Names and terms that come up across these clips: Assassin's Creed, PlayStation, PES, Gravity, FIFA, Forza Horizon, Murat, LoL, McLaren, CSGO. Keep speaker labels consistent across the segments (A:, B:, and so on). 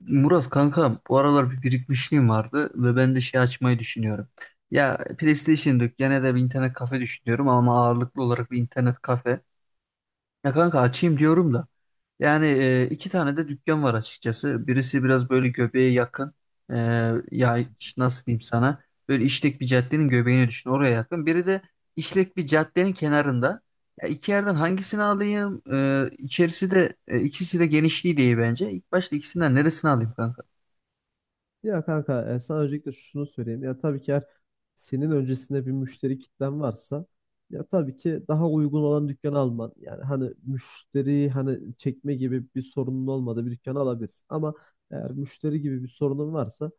A: Murat kanka bu aralar bir birikmişliğim vardı ve ben de şey açmayı düşünüyorum. Ya PlayStation yok gene de bir internet kafe düşünüyorum ama ağırlıklı olarak bir internet kafe. Ya kanka açayım diyorum da. Yani iki tane de dükkan var açıkçası. Birisi biraz böyle göbeğe yakın. E, ya nasıl diyeyim sana? Böyle işlek bir caddenin göbeğini düşün oraya yakın. Biri de işlek bir caddenin kenarında. Ya iki yerden hangisini alayım? E, içerisi de ikisi de genişliği değil bence. İlk başta ikisinden neresini alayım kanka?
B: Ya kanka sana öncelikle şunu söyleyeyim. Ya tabii ki eğer senin öncesinde bir müşteri kitlen varsa ya tabii ki daha uygun olan dükkanı alman. Yani hani müşteri hani çekme gibi bir sorunun olmadığı bir dükkanı alabilirsin. Ama eğer müşteri gibi bir sorunun varsa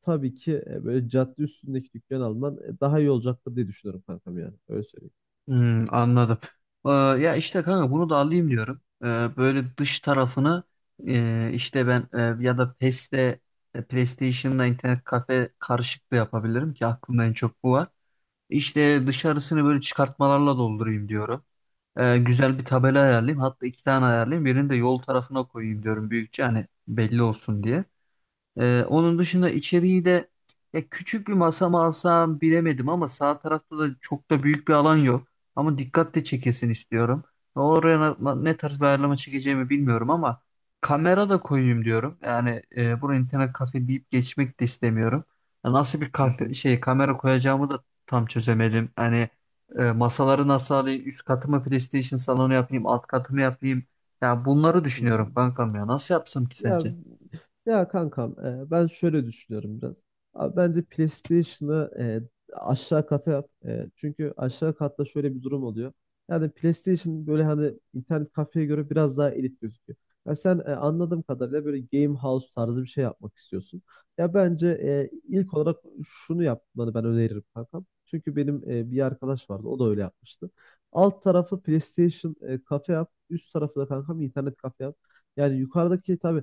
B: tabii ki böyle cadde üstündeki dükkan alman daha iyi olacaktır diye düşünüyorum kankam yani. Öyle söyleyeyim.
A: Hmm, anladım. Ya işte kanka bunu da alayım diyorum. Böyle dış tarafını işte ben ya da PES'te PlayStation'la internet kafe karışık da yapabilirim ki aklımda en çok bu var. İşte dışarısını böyle çıkartmalarla doldurayım diyorum. Güzel bir tabela ayarlayayım. Hatta iki tane ayarlayayım. Birini de yol tarafına koyayım diyorum büyükçe hani belli olsun diye. Onun dışında içeriği de ya küçük bir masa mı alsam bilemedim ama sağ tarafta da çok da büyük bir alan yok. Ama dikkat de çekesin istiyorum. Oraya ne tarz bir ayarlama çekeceğimi bilmiyorum ama kamera da koyayım diyorum. Yani buraya internet kafe deyip geçmek de istemiyorum. Ya nasıl bir
B: Hı
A: kafe
B: hı,
A: şey kamera koyacağımı da tam çözemedim. Hani masaları nasıl alayım? Üst katı mı PlayStation salonu yapayım? Alt katı mı yapayım? Ya bunları
B: hı hı.
A: düşünüyorum kankam ya. Nasıl yapsam ki
B: Ya
A: sence?
B: ya kankam, ben şöyle düşünüyorum biraz. Abi bence PlayStation'ı aşağı kata yap. Çünkü aşağı katta şöyle bir durum oluyor. Yani PlayStation böyle hani internet kafeye göre biraz daha elit gözüküyor. Ya sen, anladığım kadarıyla böyle game house tarzı bir şey yapmak istiyorsun. Ya bence ilk olarak şunu yapmanı ben öneririm kankam. Çünkü benim bir arkadaş vardı, o da öyle yapmıştı. Alt tarafı PlayStation kafe yap. Üst tarafı da kankam internet kafe yap. Yani yukarıdaki tabii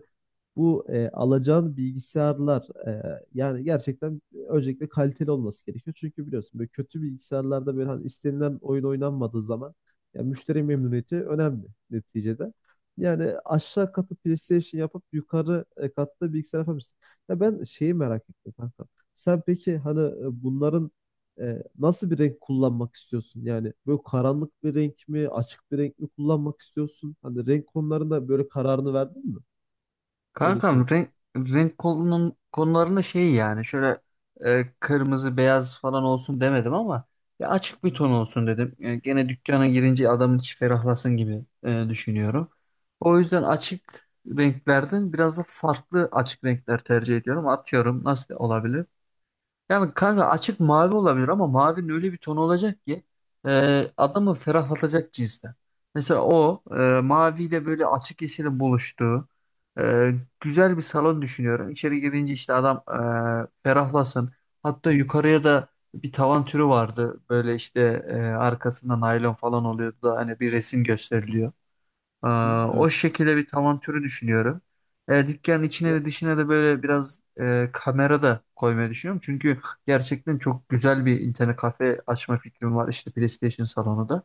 B: bu alacağın bilgisayarlar, yani gerçekten öncelikle kaliteli olması gerekiyor. Çünkü biliyorsun böyle kötü bilgisayarlarda böyle hani istenilen oyun oynanmadığı zaman yani müşteri memnuniyeti önemli neticede. Yani aşağı katı PlayStation yapıp yukarı katta bilgisayar yapabilirsin. Ya ben şeyi merak ettim kanka. Sen peki hani, bunların nasıl bir renk kullanmak istiyorsun? Yani böyle karanlık bir renk mi, açık bir renk mi kullanmak istiyorsun? Hani renk konularında böyle kararını verdin mi? Öyle
A: Kankam
B: sorayım.
A: renk konularında şey yani şöyle kırmızı beyaz falan olsun demedim ama ya açık bir ton olsun dedim. Gene dükkana girince adamın içi ferahlasın gibi düşünüyorum. O yüzden açık renklerden biraz da farklı açık renkler tercih ediyorum. Atıyorum nasıl olabilir? Yani kanka açık mavi olabilir ama mavinin öyle bir tonu olacak ki adamı ferahlatacak cinsten. Mesela o maviyle böyle açık yeşilin buluştuğu e, güzel bir salon düşünüyorum. İçeri girince işte adam ferahlasın. Hatta yukarıya da bir tavan türü vardı. Böyle işte arkasında naylon falan oluyordu da hani bir resim gösteriliyor. Ee,
B: Hı,
A: o
B: evet.
A: şekilde bir tavan türü düşünüyorum. Dükkanın içine
B: Ya
A: ve dışına da böyle biraz kamera da koymayı düşünüyorum. Çünkü gerçekten çok güzel bir internet kafe açma fikrim var. İşte PlayStation salonu da.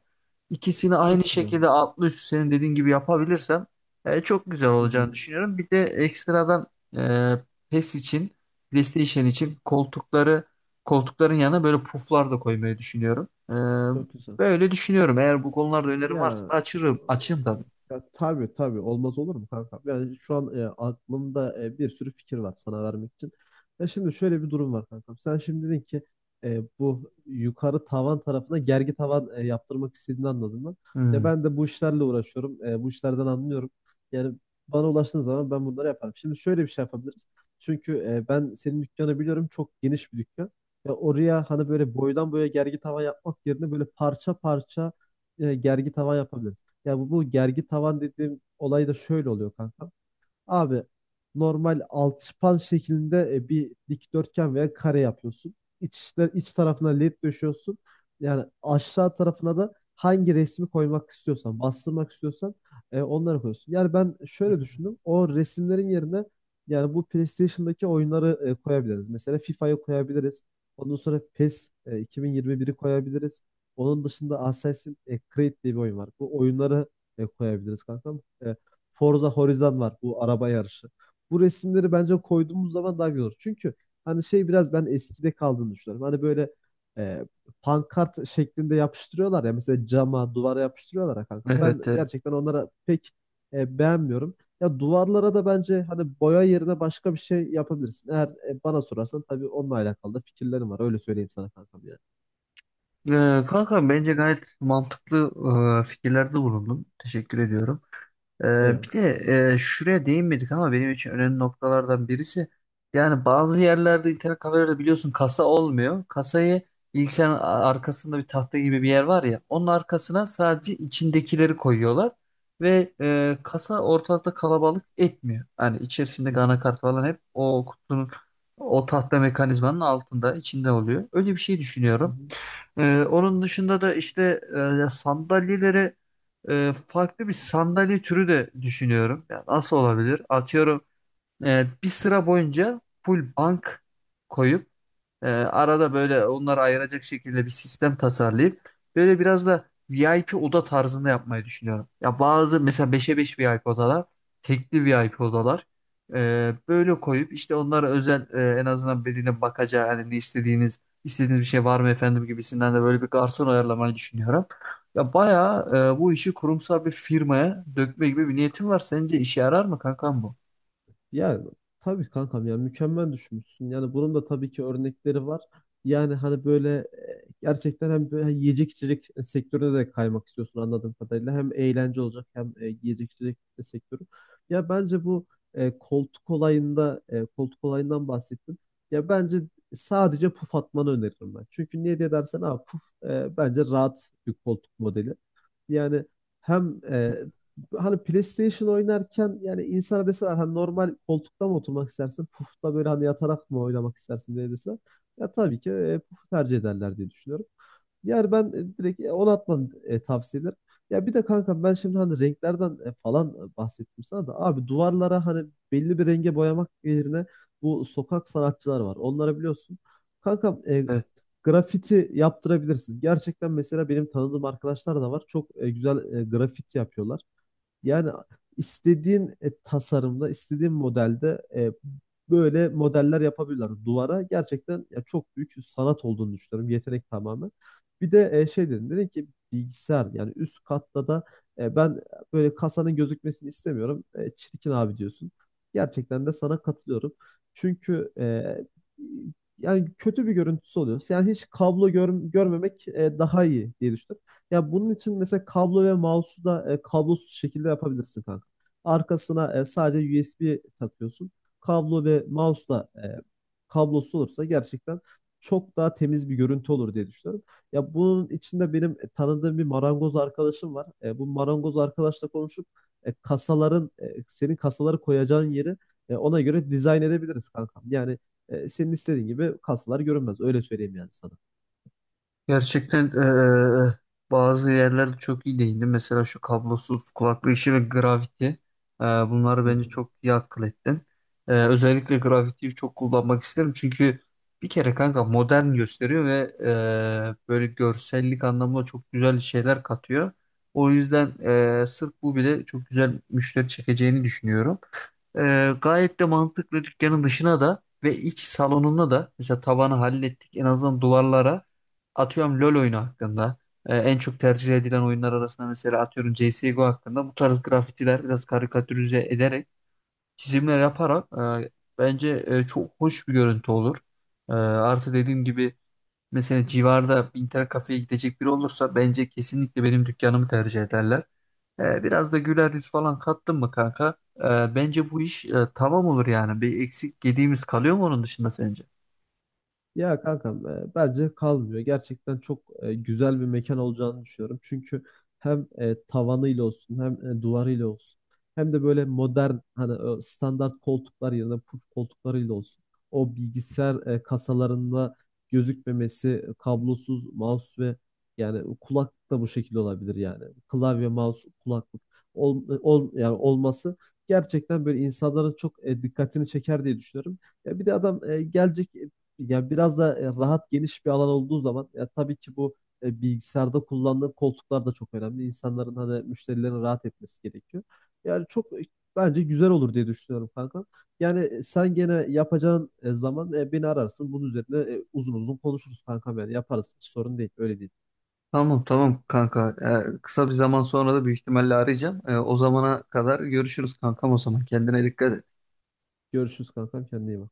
A: İkisini aynı
B: çok güzel.
A: şekilde altlı üstü senin dediğin gibi yapabilirsem çok güzel
B: Hı hı,
A: olacağını düşünüyorum. Bir de ekstradan e, PES için, PlayStation için koltukların yanına böyle puflar da koymayı düşünüyorum. E,
B: çok güzel.
A: böyle düşünüyorum. Eğer bu konularda önerim varsa
B: Ya,
A: da açayım tabii.
B: ya tabii tabii, olmaz olur mu kanka? Yani şu an aklımda bir sürü fikir var sana vermek için. Ya şimdi şöyle bir durum var kanka. Sen şimdi dedin ki, bu yukarı tavan tarafına gergi tavan yaptırmak istediğini anladım ben. Ya
A: Hmm.
B: ben de bu işlerle uğraşıyorum. Bu işlerden anlıyorum. Yani bana ulaştığın zaman ben bunları yaparım. Şimdi şöyle bir şey yapabiliriz. Çünkü ben senin dükkanı biliyorum. Çok geniş bir dükkan. Ya oraya hani böyle boydan boya gergi tavan yapmak yerine böyle parça parça gergi tavan yapabiliriz. Ya bu gergi tavan dediğim olay da şöyle oluyor kanka. Abi normal alçıpan şeklinde bir dikdörtgen veya kare yapıyorsun. İç tarafına led döşüyorsun. Yani aşağı tarafına da hangi resmi koymak istiyorsan, bastırmak istiyorsan onları koyuyorsun. Yani ben şöyle düşündüm. O resimlerin yerine yani bu PlayStation'daki oyunları koyabiliriz. Mesela FIFA'yı koyabiliriz. Ondan sonra PES, 2021'i koyabiliriz. Onun dışında Assassin's Creed diye bir oyun var. Bu oyunları koyabiliriz kankam. Forza Horizon var, bu araba yarışı. Bu resimleri bence koyduğumuz zaman daha güzel olur. Çünkü hani şey, biraz ben eskide kaldığını düşünüyorum. Hani böyle e, pankart şeklinde yapıştırıyorlar ya, mesela cama, duvara yapıştırıyorlar ya kanka. Ben
A: Evet, evet.
B: gerçekten onlara pek beğenmiyorum. Ya duvarlara da bence hani boya yerine başka bir şey yapabilirsin. Eğer bana sorarsan tabii, onunla alakalı da fikirlerim var. Öyle söyleyeyim sana kankam yani.
A: Kanka bence gayet mantıklı fikirlerde bulundun. Teşekkür ediyorum. Ee,
B: Eyvallah.
A: bir de şuraya değinmedik ama benim için önemli noktalardan birisi yani bazı yerlerde internet kafelerde biliyorsun kasa olmuyor. Kasayı bilgisayarın arkasında bir tahta gibi bir yer var ya onun arkasına sadece içindekileri koyuyorlar ve kasa ortalıkta kalabalık etmiyor. Hani
B: Hı
A: içerisindeki
B: hı.
A: anakart falan hep o kutunun o tahta mekanizmanın altında içinde oluyor. Öyle bir şey
B: Hı
A: düşünüyorum.
B: hı.
A: Onun dışında da işte e, sandalyeleri farklı bir sandalye türü de düşünüyorum. Yani nasıl olabilir? Atıyorum bir sıra boyunca full bank koyup arada böyle onları ayıracak şekilde bir sistem tasarlayıp böyle biraz da VIP oda tarzında yapmayı düşünüyorum. Ya bazı mesela 5'e 5 VIP odalar, tekli VIP odalar böyle koyup işte onlara özel en azından birine bakacağı hani ne istediğiniz bir şey var mı efendim gibisinden de böyle bir garson ayarlamayı düşünüyorum. Ya bayağı bu işi kurumsal bir firmaya dökme gibi bir niyetim var. Sence işe yarar mı kankam bu?
B: Ya tabii kankam, ya mükemmel düşünmüşsün. Yani bunun da tabii ki örnekleri var. Yani hani böyle, gerçekten hem böyle yiyecek içecek sektörüne de kaymak istiyorsun anladığım kadarıyla. Hem eğlence olacak hem yiyecek içecek sektörü. Ya bence bu koltuk olayında, koltuk olayından bahsettin. Ya bence sadece puf atmanı öneririm ben. Çünkü niye diye dersen abi, puf bence rahat bir koltuk modeli. Yani hem, hani PlayStation oynarken yani insana deseler hani normal koltukta mı oturmak istersin? Pufta böyle hani yatarak mı oynamak istersin diye deseler. Ya tabii ki pufu tercih ederler diye düşünüyorum. Yani ben direkt, onu atmanı tavsiye ederim. Ya bir de kanka, ben şimdi hani renklerden falan bahsettim sana da, abi duvarlara hani belli bir renge boyamak yerine, bu sokak sanatçılar var. Onları biliyorsun. Kanka,
A: Evet.
B: Grafiti yaptırabilirsin. Gerçekten mesela benim tanıdığım arkadaşlar da var. Çok güzel grafit yapıyorlar. Yani istediğin tasarımda, istediğin modelde böyle modeller yapabilirler. Duvara gerçekten ya çok büyük sanat olduğunu düşünüyorum. Yetenek tamamen. Bir de şey dedim ki bilgisayar yani üst katta da ben böyle kasanın gözükmesini istemiyorum. E, çirkin abi diyorsun. Gerçekten de sana katılıyorum. Çünkü, yani kötü bir görüntüsü oluyor. Yani hiç kablo görmemek daha iyi diye düşünüyorum. Ya bunun için mesela kablo ve mouse'u da kablosuz şekilde yapabilirsin kanka. Arkasına sadece USB takıyorsun. Kablo ve mouse da kablosuz olursa gerçekten çok daha temiz bir görüntü olur diye düşünüyorum. Ya bunun içinde benim tanıdığım bir marangoz arkadaşım var. Bu marangoz arkadaşla konuşup kasaların, senin kasaları koyacağın yeri ona göre dizayn edebiliriz kankam. Yani senin istediğin gibi kasalar görünmez. Öyle söyleyeyim yani sana.
A: Gerçekten bazı yerlerde çok iyi değindi. Mesela şu kablosuz kulaklık işi ve Gravity. Bunları
B: Hı
A: bence
B: hı.
A: çok iyi akıl ettin. Özellikle Gravity'yi çok kullanmak isterim. Çünkü bir kere kanka modern gösteriyor ve böyle görsellik anlamında çok güzel şeyler katıyor. O yüzden sırf bu bile çok güzel müşteri çekeceğini düşünüyorum. Gayet de mantıklı dükkanın dışına da ve iç salonuna da mesela tavanı hallettik en azından duvarlara atıyorum LoL oyunu hakkında, en çok tercih edilen oyunlar arasında mesela atıyorum CSGO hakkında bu tarz grafitiler biraz karikatürize ederek çizimler yaparak e, bence çok hoş bir görüntü olur. Artı dediğim gibi mesela civarda bir internet kafeye gidecek biri olursa bence kesinlikle benim dükkanımı tercih ederler. Biraz da güler yüz falan kattın mı kanka? Bence bu iş tamam olur yani. Bir eksik gediğimiz kalıyor mu onun dışında sence?
B: Ya kankam, bence kalmıyor. Gerçekten çok güzel bir mekan olacağını düşünüyorum. Çünkü hem tavanıyla olsun, hem duvarıyla olsun, hem de böyle modern hani o standart koltuklar yerine puf koltuklarıyla olsun. O bilgisayar kasalarında gözükmemesi, kablosuz mouse ve yani kulak da bu şekilde olabilir yani. Klavye, mouse, kulaklık yani olması gerçekten böyle insanların çok dikkatini çeker diye düşünüyorum. Ya bir de adam gelecek, ya biraz da rahat geniş bir alan olduğu zaman ya tabii ki bu bilgisayarda kullandığı koltuklar da çok önemli. İnsanların hani müşterilerin rahat etmesi gerekiyor. Yani çok, bence güzel olur diye düşünüyorum kanka. Yani sen gene yapacağın zaman beni ararsın. Bunun üzerine uzun uzun konuşuruz kankam, yani yaparız. Hiç sorun değil. Öyle değil.
A: Tamam, tamam, kanka. Kısa bir zaman sonra da büyük ihtimalle arayacağım. O zamana kadar görüşürüz kankam o zaman. Kendine dikkat et.
B: Görüşürüz kankam, kendine iyi bak.